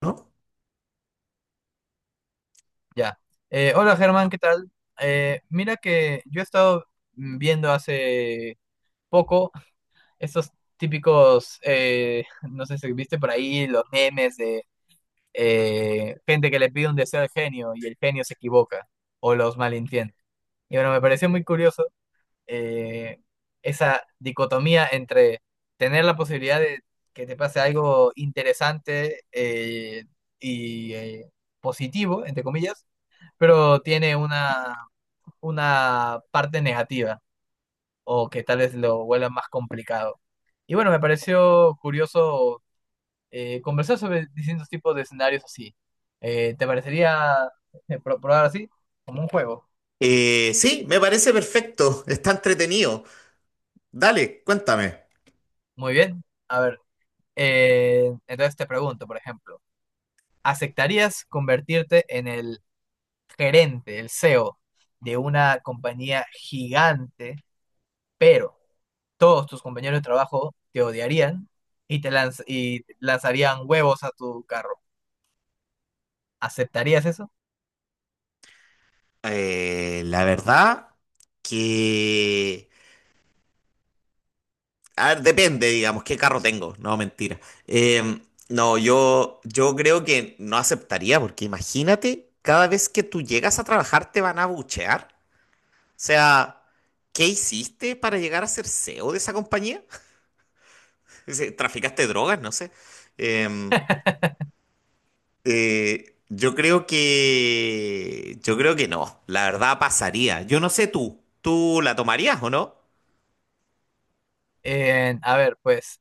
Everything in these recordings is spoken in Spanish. ¿No? Ya. Hola Germán, ¿qué tal? Mira que yo he estado viendo hace poco estos típicos, no sé si viste por ahí, los memes de gente que le pide un deseo al genio y el genio se equivoca o los malentiende. Y bueno, me pareció muy curioso eh, esa dicotomía entre tener la posibilidad de que te pase algo interesante y positivo, entre comillas, pero tiene una parte negativa o que tal vez lo vuelva más complicado. Y bueno, me pareció curioso conversar sobre distintos tipos de escenarios así. Te parecería probar así? Como un juego. Sí, me parece perfecto, está entretenido. Dale, cuéntame. Muy bien. A ver, entonces te pregunto, por ejemplo, ¿aceptarías convertirte en el gerente, el CEO de una compañía gigante, pero todos tus compañeros de trabajo te odiarían y y lanzarían huevos a tu carro? ¿Aceptarías eso? La verdad que... A ver, depende, digamos, qué carro tengo. No, mentira. Eh, no, yo creo que no aceptaría, porque imagínate, cada vez que tú llegas a trabajar te van a buchear. O sea, ¿qué hiciste para llegar a ser CEO de esa compañía? ¿Traficaste drogas? No sé. Em, yo creo que no, la verdad pasaría. Yo no sé tú, ¿tú la tomarías o no? A ver, pues,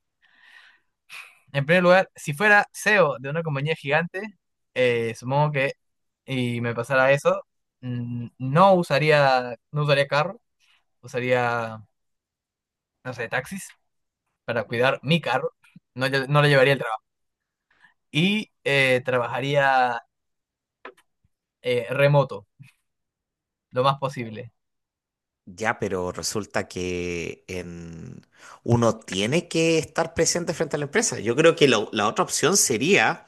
en primer lugar, si fuera CEO de una compañía gigante, supongo que, y me pasara eso, no usaría, no usaría carro, usaría, no sé, taxis para cuidar mi carro, no, no le llevaría el trabajo. Y trabajaría remoto, lo más posible. Ya, pero resulta que uno tiene que estar presente frente a la empresa. Yo creo que la otra opción sería,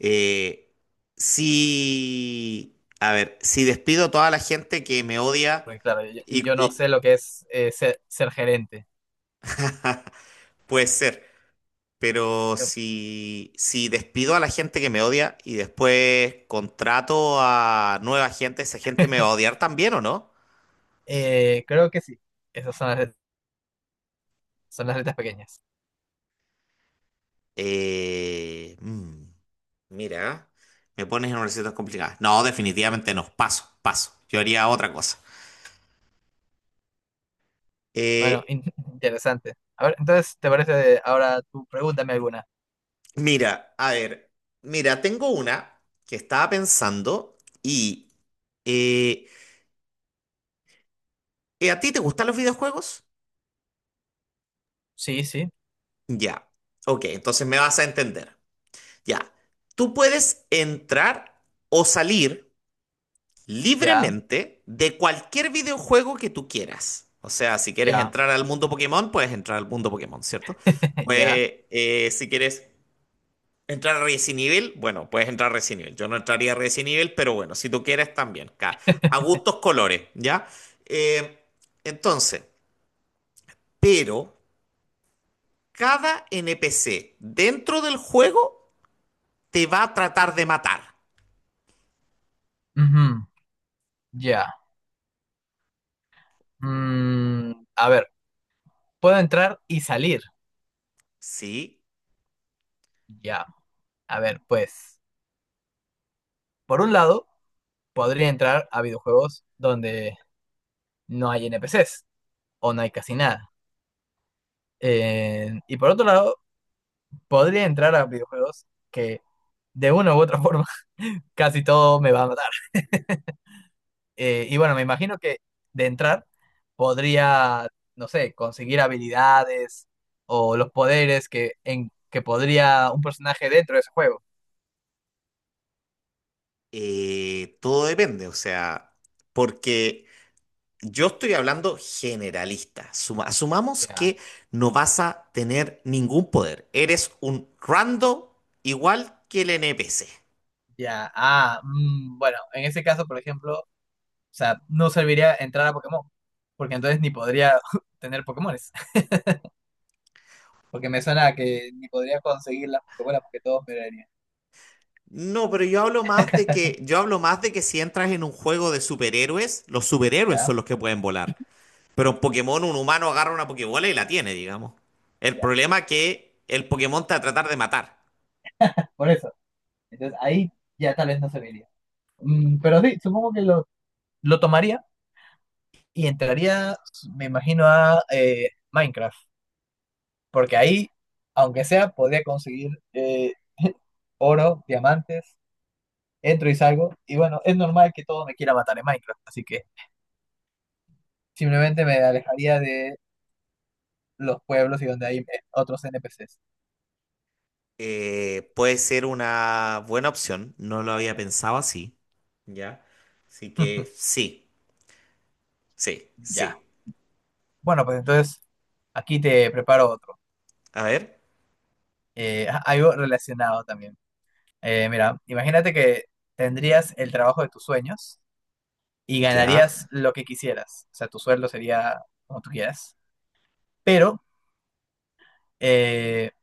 eh, si, a ver, si despido a toda la gente que me odia Porque claro, y, yo no y- sé lo que es ser gerente. puede ser. Pero Yo- si, si despido a la gente que me odia y después contrato a nueva gente, ¿esa gente me va a odiar también o no? Creo que sí. Esas son las, son las letras pequeñas. Eh, mm, mira, me pones en una situación complicada. No, definitivamente no. Paso, paso. Yo haría otra cosa. Bueno, Eh, interesante. A ver, entonces, ¿te parece ahora tú pregúntame alguna? mira, a ver. Mira, tengo una que estaba pensando y... eh, ¿a ti te gustan los videojuegos? Sí, sí. Ya. Ok, entonces me vas a entender. Ya, tú puedes entrar o salir Ya, libremente de cualquier videojuego que tú quieras. O sea, si quieres ya, entrar al mundo Pokémon, puedes entrar al mundo Pokémon, ¿cierto? ya. Pues si quieres entrar a Resident Evil, bueno, puedes entrar a Resident Evil. Yo no entraría a Resident Evil, pero bueno, si tú quieres también. A gustos colores, ¿ya? Eh, entonces, pero cada NPC dentro del juego te va a tratar de matar. Ujú, ya. Mm, a ver, ¿puedo entrar y salir? ¿Sí? Ya. A ver, pues, por un lado, podría entrar a videojuegos donde no hay NPCs o no hay casi nada. Y por otro lado, podría entrar a videojuegos que de una u otra forma casi todo me va a matar. Y bueno, me imagino que de entrar podría, no sé, conseguir habilidades o los poderes que, que podría un personaje dentro de ese juego. Todo depende, o sea, porque yo estoy hablando generalista. Asumamos Ya, que no vas a tener ningún poder. Eres un rando igual que el NPC. ya. Bueno, en ese caso, por ejemplo, o sea, no serviría entrar a Pokémon, porque entonces ni podría tener Pokémones, porque me suena a que ni podría conseguir las Pokébolas porque todos me darían. No, pero yo hablo más de que, yo hablo más de que si entras en un juego de superhéroes, los superhéroes Ya, son los que pueden volar. Pero en Pokémon un humano agarra una Pokébola y la tiene, digamos. El ya. problema es que el Pokémon te va a tratar de matar. Por eso. Entonces ahí ya tal vez no se vería. Mm, pero sí, supongo que lo tomaría y entraría, me imagino, a Minecraft. Porque ahí, aunque sea, podría conseguir oro, diamantes, entro y salgo. Y bueno, es normal que todo me quiera matar en Minecraft. Así que simplemente me alejaría de los pueblos y donde hay otros NPCs. Puede ser una buena opción, no lo había pensado así, ¿ya? Así que sí, sí, Ya. sí. Bueno, pues entonces aquí te preparo otro. A ver, algo relacionado también. Mira, imagínate que tendrías el trabajo de tus sueños y ya, ganarías lo que quisieras. O sea, tu sueldo sería como tú quieras. Pero eh,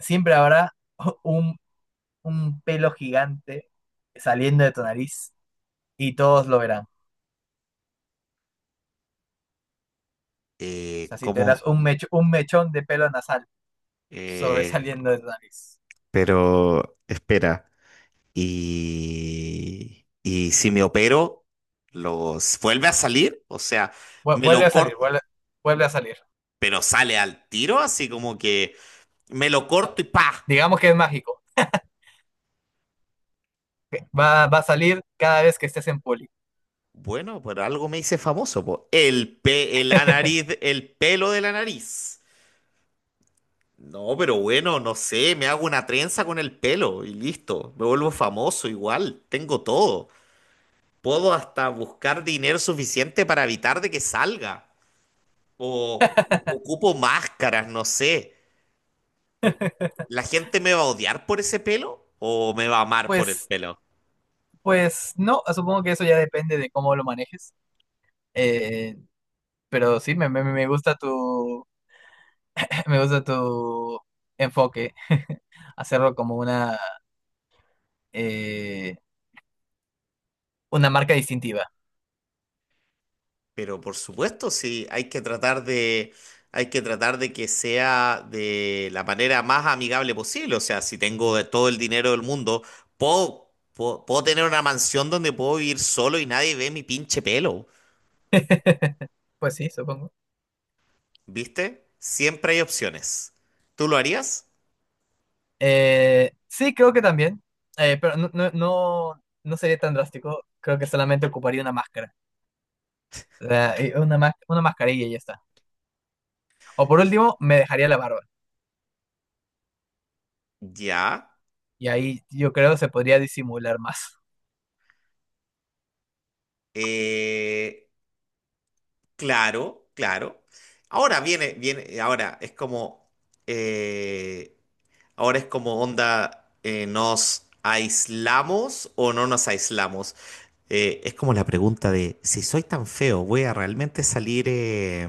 siempre habrá un, un pelo gigante saliendo de tu nariz y todos lo verán. O ¿eh, sea, si tendrás cómo? Un mechón de pelo nasal Eh, sobresaliendo de tu nariz. pero espera, y si me opero, ¿los vuelve a salir? O sea, me Vuelve lo a salir, corto, vuelve, vuelve a salir. pero sale al tiro, así como que me lo corto y ¡pa! Digamos que es mágico. Va a salir cada vez que estés en poli. Bueno, por algo me hice famoso, po. El pe, la nariz, el pelo de la nariz. No, pero bueno, no sé, me hago una trenza con el pelo y listo. Me vuelvo famoso igual, tengo todo. Puedo hasta buscar dinero suficiente para evitar de que salga. O ocupo máscaras, no sé. ¿La gente me va a odiar por ese pelo o me va a amar por el Pues pelo? pues no, supongo que eso ya depende de cómo lo manejes. eh, pero sí, me gusta tu, me gusta tu enfoque, hacerlo como eh, una marca distintiva. Pero por supuesto, sí, hay que tratar de, hay que tratar de que sea de la manera más amigable posible. O sea, si tengo de todo el dinero del mundo, puedo tener una mansión donde puedo vivir solo y nadie ve mi pinche pelo. Pues sí, supongo. ¿Viste? Siempre hay opciones. ¿Tú lo harías? Sí, creo que también, pero no, no, no, no sería tan drástico. Creo que solamente ocuparía una máscara. O sea, una mascarilla y ya está. O por último, me dejaría la barba. Ya. Y ahí yo creo se podría disimular más. Eh, claro, claro. Ahora ahora es como, eh, Ahora es como onda, ¿eh, nos aislamos o no nos aislamos? Es como la pregunta de, si soy tan feo, ¿voy a realmente salir,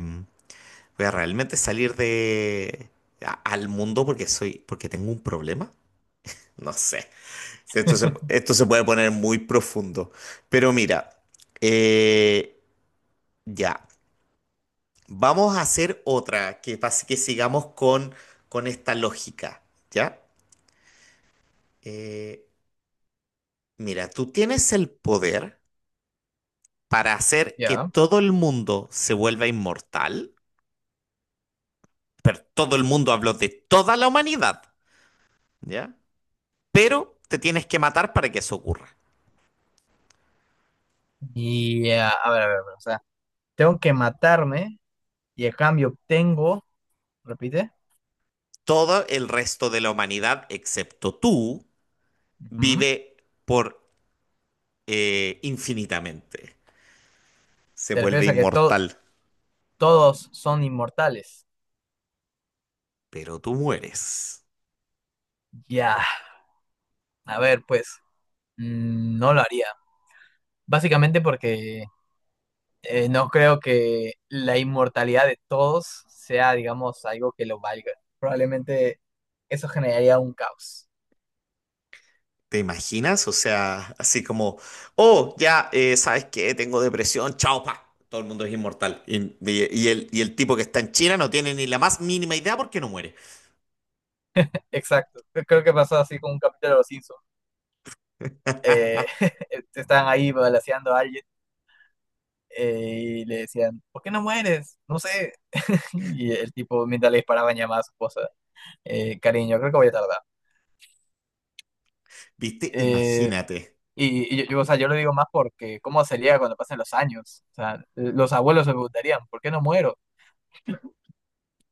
voy a realmente salir de, al mundo porque soy, porque tengo un problema? No sé. Esto se puede poner muy profundo. Pero mira, eh, ya. Vamos a hacer otra que, que sigamos con esta lógica, ¿ya? Eh, mira, tú tienes el poder para hacer que Ya. todo el mundo se vuelva inmortal, pero todo el mundo habló de toda la humanidad, ¿ya? Pero te tienes que matar para que eso ocurra. A ver, a ver, a ver, o sea, tengo que matarme y a cambio obtengo, repite. Todo el resto de la humanidad, excepto tú, Ujú. vive por infinitamente. Se Te vuelve refieres a que inmortal, todos son inmortales. pero tú mueres. Ya, a ver, pues, mm, no lo haría. Básicamente porque no creo que la inmortalidad de todos sea, digamos, algo que lo valga. Probablemente eso generaría un caos. ¿Te imaginas? O sea, así como, oh, ya, ¿sabes qué? Tengo depresión, chao, pa. Todo el mundo es inmortal. Y el tipo que está en China no tiene ni la más mínima idea porque no muere. Exacto, creo que pasó así con un capítulo de los Simpsons. Eh, están ahí balanceando a alguien. Y le decían, ¿por qué no mueres? No sé. Y el tipo, mientras le disparaban, llamaba a su esposa, cariño, creo que voy a tardar. ¿Viste? Eh, Imagínate. O sea, yo lo digo más porque ¿cómo sería cuando pasen los años? O sea, los abuelos se preguntarían, ¿por qué no muero?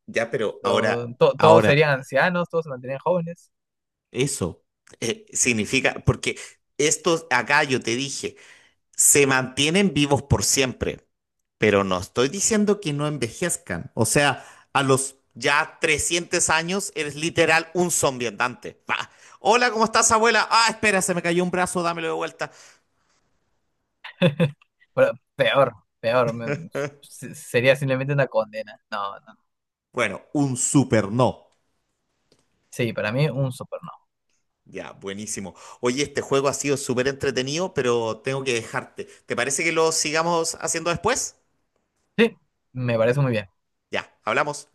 Ya, pero ahora, Todos ahora, serían ancianos, todos se mantenían jóvenes. eso significa, porque estos acá yo te dije, se mantienen vivos por siempre. Pero no estoy diciendo que no envejezcan. O sea, a los ya 300 años eres literal un zombie andante. Pa. Hola, ¿cómo estás, abuela? Ah, espera, se me cayó un brazo, dámelo de vuelta. Pero peor, peor. Sería simplemente una condena. No, no. Bueno, un super no. Sí, para mí un super no. Ya, buenísimo. Oye, este juego ha sido súper entretenido, pero tengo que dejarte. ¿Te parece que lo sigamos haciendo después? Sí, me parece muy bien. Ya, hablamos.